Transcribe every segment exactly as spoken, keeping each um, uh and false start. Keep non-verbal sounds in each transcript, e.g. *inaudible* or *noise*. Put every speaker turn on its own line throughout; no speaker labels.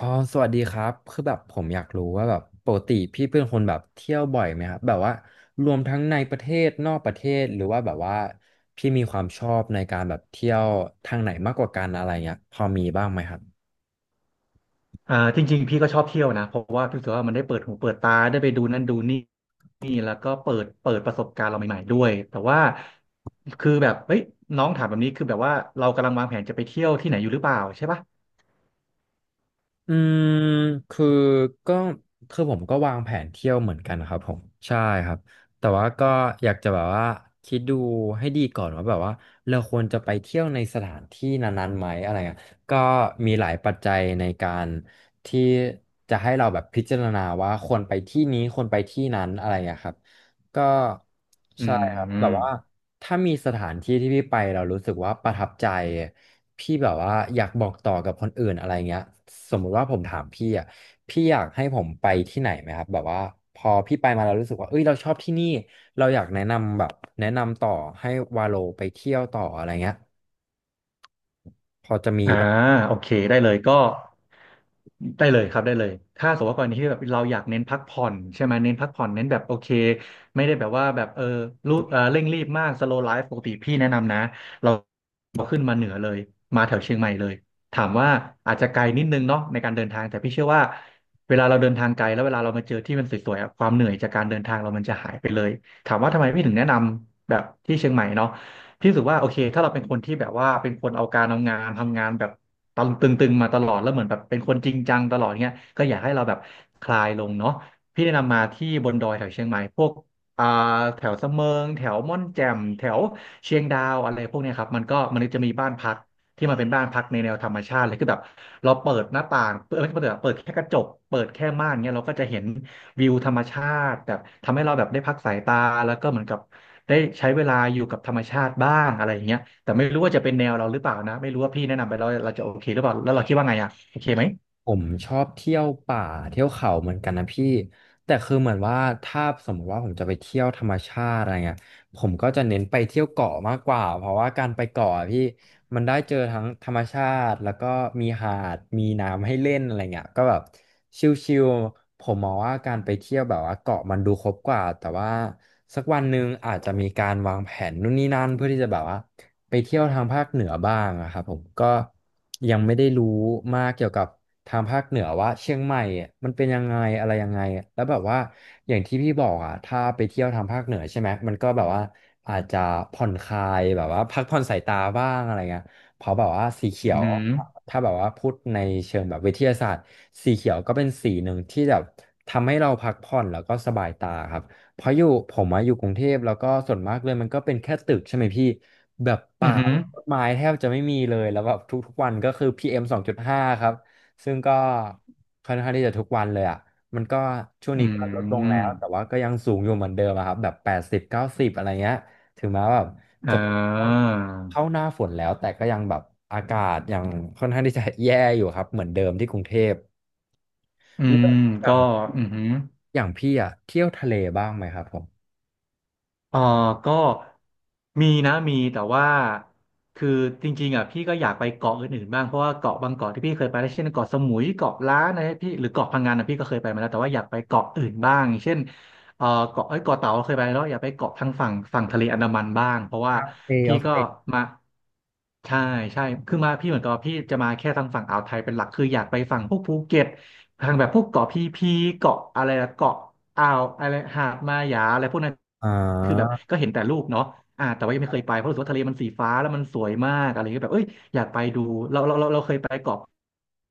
อ๋อสวัสดีครับคือแบบผมอยากรู้ว่าแบบปกติพี่เป็นคนแบบเที่ยวบ่อยไหมครับแบบว่ารวมทั้งในประเทศนอกประเทศหรือว่าแบบว่าพี่มีความชอบในการแบบเที่ยวทางไหนมากกว่ากันอะไรเงี้ยพอมีบ้างไหมครับ
อ่าจริงๆพี่ก็ชอบเที่ยวนะเพราะว่าพี่รู้สึกว่ามันได้เปิดหูเปิดตาได้ไปดูนั่นดูนี่นี่แล้วก็เปิดเปิดประสบการณ์เราใหม่ๆด้วยแต่ว่าคือแบบเฮ้ยน้องถามแบบนี้คือแบบว่าเรากำลังวางแผนจะไปเที่ยวที่ไหนอยู่หรือเปล่าใช่ปะ
อืมคือก็คือผมก็วางแผนเที่ยวเหมือนกันครับผมใช่ครับแต่ว่าก็อยากจะแบบว่าคิดดูให้ดีก่อนว่าแบบว่าเราควรจะไปเที่ยวในสถานที่นั้นๆไหมอะไรเงี้ยก็มีหลายปัจจัยในการที่จะให้เราแบบพิจารณาว่าควรไปที่นี้ควรไปที่นั้นอะไรเงี้ยครับก็
อื
ใช่ครับแบ
ม
บว่า ถ้ามีสถานที่ที่พี่ไปเรารู้สึกว่าประทับใจพี่แบบว่าอยากบอกต่อกับคนอื่นอะไรเงี้ยสมมุติว่าผมถามพี่อ่ะพี่อยากให้ผมไปที่ไหนไหมครับแบบว่าพอพี่ไปมาเรารู้สึกว่าเอ้ยเราชอบที่นี่เราอยากแนะนำแบบแนะนำต่อให้วาโลไปเที่ยวต่ออะไรเงี้ยพอจะมี
อ่าโอเคได้เลยก็ได้เลยครับได้เลยถ้าสมมติว่ากรณีที่แบบเราอยากเน้นพักผ่อนใช่ไหมเน้นพักผ่อนเน้นแบบโอเคไม่ได้แบบว่าแบบเออรูเออเร่งรีบมากสโลว์ไลฟ์ปกติพี่แนะนำนะเราขึ้นมาเหนือเลยมาแถวเชียงใหม่เลยถามว่าอาจจะไกลนิดนึงเนาะในการเดินทางแต่พี่เชื่อว่าเวลาเราเดินทางไกลแล้วเวลาเรามาเจอที่มันสวยๆอะความเหนื่อยจากการเดินทางเรามันจะหายไปเลยถามว่าทำไมพี่ถึงแนะนำแบบที่เชียงใหม่เนาะ พี่รู้สึกว่าโอเคถ้าเราเป็นคนที่แบบว่าเป็นคนเอาการเอางานทำงานแบบตึงตึงๆมาตลอดแล้วเหมือนแบบเป็นคนจริงจังตลอดเงี้ยก็อยากให้เราแบบคลายลงเนาะพี่แนะนำมาที่บนดอยแถวเชียงใหม่พวกอ่าแถวสะเมิงแถวม่อนแจ่มแถวเชียงดาวอะไรพวกเนี้ยครับมันก็มันจะมีบ้านพักที่มันเป็นบ้านพักในแนวธรรมชาติเลยคือแบบเราเปิดหน้าต่างเปิดไม่ใช่เปิด่เปิดแค่กระจกเปิดแค่ม่านเงี้ยเราก็จะเห็นวิวธรรมชาติแบบทำให้เราแบบได้พักสายตาแล้วก็เหมือนกับ ได้ใช้เวลาอยู่กับธรรมชาติบ้างอะไรอย่างเงี้ยแต่ไม่รู้ว่าจะเป็นแนวเราหรือเปล่านะไม่รู้ว่าพี่แนะนำไปแล้วเราจะโอเคหรือเปล่าแล้วเราคิดว่าไงอ่ะโอเคไหม
ผมชอบเที่ยวป่าเที่ยวเขาเหมือนกันนะพี่แต่คือเหมือนว่าถ้าสมมติว่าผมจะไปเที่ยวธรรมชาติอะไรเงี้ยผมก็จะเน้นไปเที่ยวเกาะมากกว่า เพราะว่าการไปเกาะอะพี่มันได้เจอทั้งธรรมชาติแล้วก็มีหาดมีน้ำให้เล่นอะไรเงี้ยก็แบบชิลๆผมมองว่าการไปเที่ยวแบบว่าเกาะมันดูครบกว่าแต่ว่าสักวันหนึ่งอาจจะมีการวางแผนนู่นนี่นั่นเพื่อที่จะแบบว่าไปเที่ยวทางภาคเหนือบ้างอะครับผมก็ยังไม่ได้รู้มากเกี่ยวกับ ทางภาคเหนือว่าเชียงใหม่อะมันเป็นยังไงอะไรยังไงอะแล้วแบบว่าอย่างที่พี่บอกอ่ะถ้าไปเที่ยวทางภาคเหนือใช่ไหมมันก็แบบว่าอาจจะผ่อนคลายแบบว่าพักผ่อนสายตาบ้างอะไรเงี้ยเพราะแบบว่าสีเขี
อื
ย
อ
ว
หือ
ถ้าแบบว่าพูดในเชิงแบบวิทยาศาสตร์สีเขียวก็เป็นสีหนึ่งที่แบบทำให้เราพักผ่อนแล้วก็สบายตาครับเพราะอยู่ผมมาอยู่กรุงเทพแล้วก็ส่วนมากเลยมันก็เป็นแค่ตึกใช่ไหมพี่แบบ
อื
ป่า
อหือ
ต้นไม้แทบจะไม่มีเลยแล้วแบบทุกๆวันก็คือ พี เอ็ม สองจุดห้าครับ ซึ่งก็ค่อนข้างที่จะทุกวันเลยอ่ะมันก็ช่วง
อื
นี้ก็ลดลง
ม
แล้วแต่ว่าก็ยังสูงอยู่เหมือนเดิมอะครับแบบแปดสิบเก้าสิบอะไรเงี้ยถึงแม้ว่าแบบ
อ่
จะเป็นชวกเข้า
า
หน้าฝนแล้วแต่ก็ยังแบบอากาศยังค่อนข้างที่จะแย่อยู่ครับเหมือนเดิมที่กรุงเทพ
อื
เลือ
ม
กอย่า
ก็
ง
อือหือ
อย่างพี่อ่ะเที่ยวทะเลบ้างไหมครับผม
เออก็มีนะมีแต่ว่าคือจริงๆอ่ะพี่ก็อยากไปเกาะอื่นๆบ้างเพราะว่าเกาะบางเกาะที่พี่เคยไปแล้วเช่นเกาะสมุยเกาะล้านนะพี่หรือเกาะพังงานนะพี่ก็เคยไปมาแล้วแต่ว่าอยากไปเกาะอื่นบ้างเช่นเออเกาะเอ้ยเกาะเต่าเคยไปแล้วอยากไปเกาะทางฝั่งฝั่งทะเลอันดามันบ้างเพราะ
โอ
ว่า
เคโอ
พี่ก็
เค
มาใช่ใช่คือมาพี่เหมือนกับว่าพี่จะมาแค่ทางฝั่งอ่าวไทยเป็นหลักคืออยากไปฝั่งพวกภูเก็ต ทางแบบพวกเกาะพีพีเกาะอะไรนะเกาะอ่าวอะไรหาดมาหยาอะไรพวกนั้น
อ่
คือแบบ
า
ก็เห็นแต่รูปเนาะอ่าแต่ว่ายังไม่เคยไปเพราะรู้สึกว่าทะเลมันสีฟ้าแล้วมันสวยมากอะไรเงี้ยแบบเอ้ยอยากไปดูเราเราเราเราเคยไปเกาะ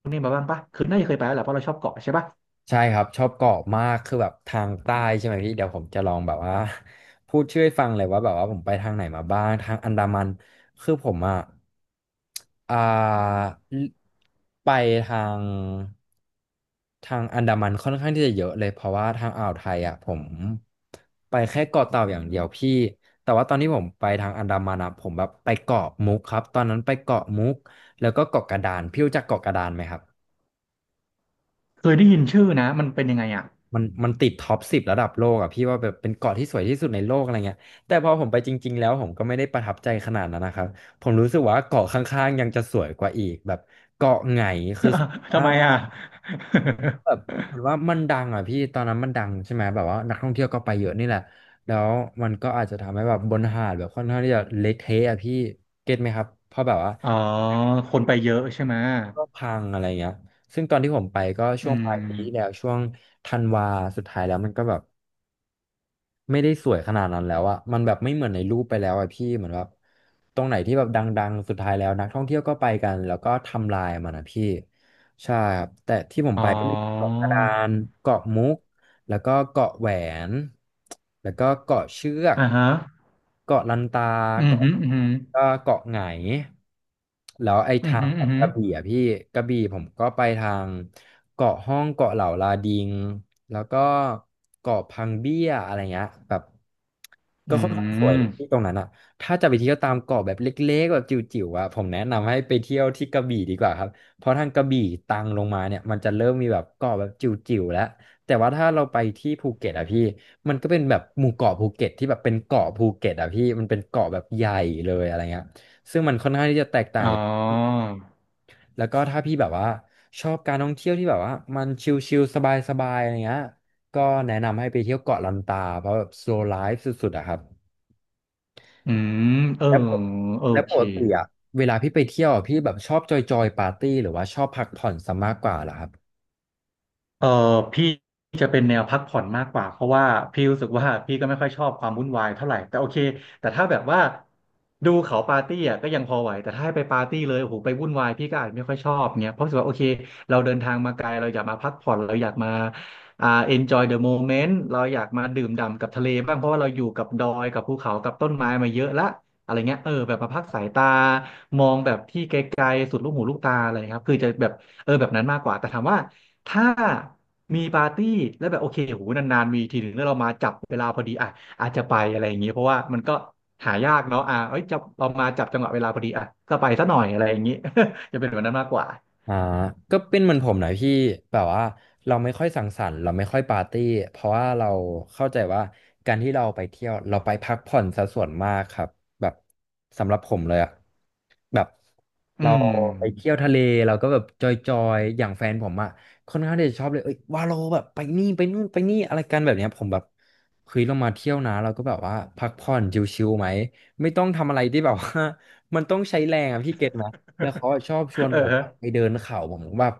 ไาบ้างปะคือน่าจะเคยไปแล้วแหละเพราะเราชอบเกาะใช่ปะ
ใช่ครับชอบเกาะมากคือแบบทางใต้ใช่ไหมพี่เดี๋ยวผมจะลองแบบว่า *laughs* พูดชื่อให้ฟังเลยว่าแบบว่าผมไปทางไหนมาบ้างทางอันดามันคือผมอ่ะอ่าไปทางทางอันดามันค่อนข้างที่จะเยอะเลยเพราะว่าทางอ่าวไทยอ่ะผมไปแค่เกาะเต่าอย่างเดียวพี่แต่ว่าตอนที่ผมไปทางอันดามันอ่ะผมแบบไปเกาะมุกครับตอนนั้นไปเกาะมุกแล้วก็เกาะกระดานพี่รู้จักเกาะกระดานไหมครับ
เคยได้ยินชื่อนะมันเป็นยังไงอ่ะ
มันมันติดท็อปสิบระดับโลกอ่ะพี่ว่าแบบเป็นเกาะที่สวยที่สุดในโลกอะไรเงี้ยแต่พอผมไปจริงๆแล้วผมก็ไม่ได้ประทับใจขนาดนั้นนะครับผมรู้สึกว่าเกาะข้างๆยังจะสวยกว่าอีกแบบ
*laughs* ทำไมอ่ะ
อ่าแบบเหมือนว่ามันดังอ่ะพี่ตอนนั้นมันดังใช่ไหมแบบว่านักท่องเที่ยวก็ไปเยอะนี่แหละแล้วมันก็อาจจะทำให้แบบบนหาดแบบค่อนข้างที่จะเละเทะอ่ะพี่ครับเพราะแบบว่า
*laughs* อ๋อคน
เดี๋
ไป
ยว
เยอะใช่ไหม
ก็พังอะไรเงี้ยซึ่งตอนที่ผมไปก็
อื
ช่วงปลายปีที่แล้ว
ม
ช่วงธันวาสุดท้ายแล้วมันก็แบบ ไม่ได้สวยขนาดนั้นแล้วอะ มันแบบไม่เหมือนในรูปไปแล้วอะพี่เหมือนแบบตรงไหนที่แบบดังๆสุดท้ายแล้วนักท่องเที่ยวก็ไปกันแล้วก็ทำลายมันอะพี่ ใช่ครับ แต่ที่ผม
อ๋อ
ไปก็มีเกาะกระดานเกาะมุก แล้วก็เกาะแหวนแล้วก็เกาะเชือก
อ่าฮะ
เกาะลันตา
อืม
เกาะ
ฮึอืมฮึ
ก็เกาะไหงแล้วไอ้
อืม
ทาง
ฮึอืมฮึ
กระบี่อะพี่กระบี่ผมก็ไปทางเกาะห้องเกาะเหล่าลาดิงแล้วก็เกาะพังเบี้ยอะไรเงี้ยแบบ
อื
ก็ค่อนข้างสวยเลยที่
ม
ตรงนั้นอ่ะถ้าจะไปเที่ยวตามเกาะแบบเล็กๆแบบจิ๋วๆอ่ะผมแนะนำให้ไปเที่ยวที่กระบี่ดีกว่าครับเพราะทางกระบี่ตังลงมาเนี่ยมันจะเริ่มมีแบบเกาะแบบจิ๋วๆแล้ว แต่ว่าถ้าเราไปที่ภูเก็ตอะพี่มันก็เป็นแบบหมู่เกาะภูเก็ตที่แบบเป็นเกาะภูเก็ตอะพี่มันเป็นเกาะแบบใหญ่เลยอะไรเงี้ยซึ่งมันค่อนข้างที่จะแตกต่า
อ๋
ง
อ
แล้วก็ถ้าพี่แบบว่าชอบการท่องเที่ยวที่แบบว่ามันชิลๆสบายๆอะไรเงี้ยก็แนะนำให้ไปเที่ยวเกาะลันตาเพราะแบบ slow life สุดๆอะครับ
อืมเออ
แล้วปก
โอ
แล้วป
เค
กติอะเวลาพี่ไปเที่ยวอะพี่แบบชอบจอยๆปาร์ตี้หรือว่าชอบพักผ่อนซะมากกว่าเหรอครับ
เออพี่จะเป็นแนวพักผ่อนมากกว่าเพราะว่าพี่รู้สึกว่าพี่ก็ไม่ค่อยชอบความวุ่นวายเท่าไหร่แต่โอเคแต่ถ้าแบบว่าดูเขาปาร์ตี้อ่ะก็ยังพอไหวแต่ถ้าให้ไปปาร์ตี้เลยโอ้โหไปวุ่นวายพี่ก็อาจไม่ค่อยชอบเงี้ยเพราะรู้สึกว่าโอเคเราเดินทางมาไกลเราอยากมาพักผ่อนเราอยากมาอ่า enjoy the moment เราอยากมาดื่มด่ำกับทะเลบ้างเพราะว่าเราอยู่กับดอยกับภูเขากับต้นไม้มาเยอะละอะไรเงี้ยเออแบบมาพักสายตามองแบบที่ไกลๆสุดลูกหูลูกตาอะไรครับคือจะแบบเออแบบนั้นมากกว่าแต่ถามว่า ถ้ามีปาร์ตี้แล้วแบบโอเคโหนานๆมีทีหนึ่งแล้วเรามาจับเวลาพอดีอ่ะอาจจะไปอะไรอย่างเงี้ยเพราะว่ามันก็หายากเนาะอ่ะเอ้ยจะเรามาจับจังหวะเวลาพอดีอ่ะก็ไปซะหน่อยอะไรอย่างงี้ *laughs* จะเป็นแบบนั้นมากกว่า
อ่าก็เป็นเหมือนผมหน่อยพี่แบบว่าเราไม่ค่อยสังสรรค์เราไม่ค่อยปาร์ตี้เพราะว่าเราเข้าใจว่าการที่เราไปเที่ยวเราไปพักผ่อนซะส่วนมากครับแบบสำหรับผมเลยอะแบบ
อื
เรา
ม
ไปเที่ยวทะเลเราก็แบบจอยๆอย่างแฟนผมอะค่อนข้างที่จะชอบเลยเอ้ยวาโลแบบไปนี่ไปนู่นไปนี่อะไรกันแบบเนี้ยผมแบบเฮ้ยเรามาเที่ยวนะเราก็แบบว่าพักผ่อนชิลๆไหมไม่ต้องทำอะไรที่แบบว่า *laughs* มันต้องใช้แรงอะพี่เก็ตไหม แล้วเขาอะชอบชวน
เออ
ผม
ฮะ
อะไปเดินเขาผมแบบ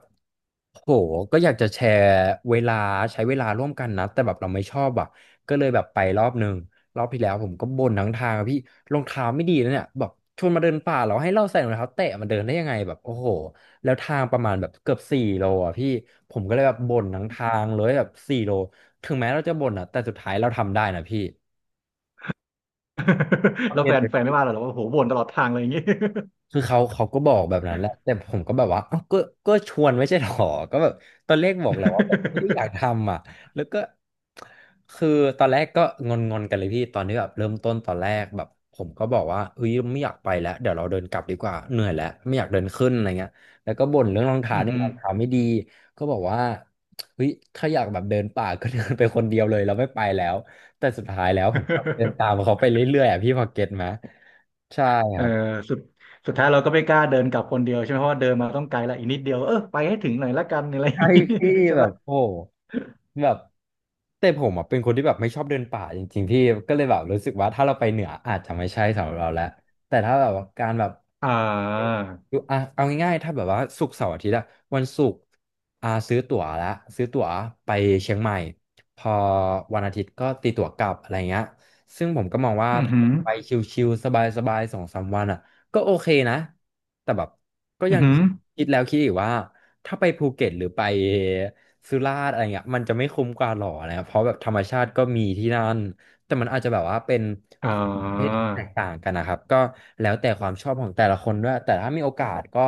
โหก็อยากจะแชร์เวลาใช้เวลาร่วมกันนะแต่แบบเราไม่ชอบอ่ะก็เลยแบบไปรอบหนึ่งรอบที่แล้วผมก็บ่นทั้งทางอะพี่รองเท้าไม่ดีนะเนี่ยแบบชวนมาเดินป่าเราให้เราใส่รองเท้าแตะมาเดินได้ยังไงแบบโอ้โหแล้วทางประมาณแบบเกือบสี่โลอ่ะพี่ผมก็เลยแบบบ่นทั้งทางเลยแบบสี่โลถึงแม้เราจะบ่นอ่ะแต่สุดท้ายเราทำได้นะพี่โอ
*laughs* แล้
เ
วแฟนแฟนไม่ว่า
ค
เราหรอกว่าโหบ่นตลอดทางอะไรอย่างงี้
คือเขาเขาก็บอกแบบนั้นแหละแต่ผมก็แบบว่าเอ้าก็ก็ชวนไม่ใช่หรอก็แบบตอนแรกบอกแล้วว่าแบบไม่ได้อยากทำอ่ะแล้วก็คือตอนแรกก็งอนๆกันเลยพี่ตอนที่แบบเริ่มต้นตอนแรกแบบผมก็บอกว่าเอ้ยไม่อยากไปแล้วเดี๋ยวเราเดินกลับดีกว่าเหนื่อยแล้วไม่อยากเดินขึ้นอะไรเงี้ยแล้วก็บ่นเรื่องรอง
*laughs*
เท้า
อือ
เนี่ย
หื
ร
อ
องเท้าไม่ดีก็บอกว่าเฮ้ยถ้าอยากแบบเดินป่าก็ *laughs* เดินไปคนเดียวเลยเราไม่ไปแล้วแต่สุดท้ายแล้วผมก็เดินตาม
*laughs*
เขาไปเรื่อยๆอ่ะพี่พอเก็ตไหมใช่
เออสุดสุดท้ายเราก็ไม่กล้าเดินกลับคนเดียวใช่ไหมเพราะว่าเดินมาต้องไกลละอีกนิดเดียวเออไปให้ถึงหน่อยละกันอะไรอย่าง
ใช่
งี้
พี่
*laughs* ใช่
แบ
ปะ
บโอ้แบบแต่ผมอ่ะเป็นคนที่แบบไม่ชอบเดินป่าจริงๆพี่ก็เลยแบบรู้สึกว่าถ้าเราไปเหนืออาจจะไม่ใช่สำหรับเราแล้วแต่ถ้าแบบว่าการแบบ
อ่า
ดูอ่ะเอาง่ายๆถ้าแบบว่าศุกร์เสาร์อาทิตย์อะวันศุกร์อ่าซื้อตั๋วละซื้อตั๋วไปเชียงใหม่พอวันอาทิตย์ก็ตีตั๋วกลับอะไรเงี้ยซึ่งผมก็มองว่า
อือ
ถ้า
หือ
ไปชิลๆสบายๆสองสามวันอะก็โอเคนะแต่แบบก็
อื
ยั
อ
ง
หือ
คิดแล้วคิดอีกว่า ถ้าไปภูเก็ตหรือไปสุราษฎร์อะไรเงี้ยมันจะไม่คุ้มกว่าหรอนะครับเพราะแบบธรรมชาติก็มีที่นั่นแต่มันอาจจะแบบว่าเป็น
อ่
ประเภทที่
า
แตกต่างกันนะครับก็แล้วแต่ความชอบของแต่ละคนด้วยแต่ถ้ามีโอกาสก็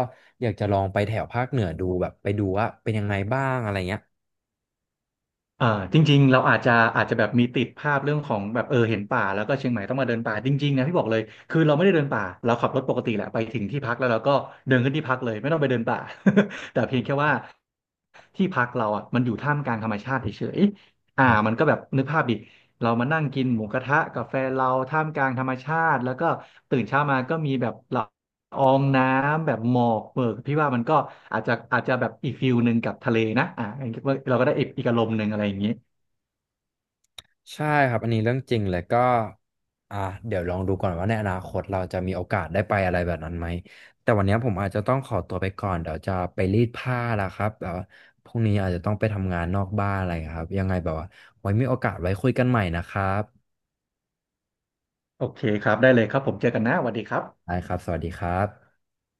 อยากจะลองไปแถวภาคเหนือดูแบบไปดูว่าเป็นยังไงบ้างอะไรเงี้ย
อ่าจริงๆ เราอาจจะอาจจะแบบมีติดภาพเรื่องของแบบเออเห็นป่าแล้วก็เชียงใหม่ต้องมาเดินป่าจริงๆนะพี่บอกเลยคือเราไม่ได้เดินป่าเราขับรถปกติแหละไปถึงที่พักแล้วเราก็เดินขึ้นที่พักเลยไม่ต้องไปเดินป่า *laughs* แต่เพียงแค่ว่าที่พักเราอ่ะมันอยู่ท่ามกลางธรรมชาติเฉยๆอ่ามันก็แบบนึกภาพดิเรามานั่งกินหมูกระทะกาแฟนเราท่ามกลางธรรมชาติแล้วก็ตื่นเช้ามาก็มีแบบเรา อองน้ำแบบหมอกเปิกพี่ว่ามันก็อาจจะอาจจะแบบอีกฟิลหนึ่งกับทะเลนะอ่าเราก็ได้อีกอีกอารมณ์หนึ่งอะไรอย่างนี้
ใช่ครับอันนี้เรื่องจริงเลยก็อ่ะเดี๋ยวลองดูก่อนว่าในอนาคตเราจะมีโอกาสได้ไปอะไรแบบนั้นไหมแต่วันนี้ผมอาจจะต้องขอตัวไปก่อนเดี๋ยวจะไปรีดผ้าแล้วครับแบบว่าพรุ่งนี้อาจจะต้องไปทำงานนอกบ้านอะไรครับยังไงแบบว่าไว้มีโอกาสไว้คุยกันใหม่นะครับ
โอเคครับได้เลยครับผมเจอกันนะสวัสดีครับ
ได้ครับสวัสดีครับ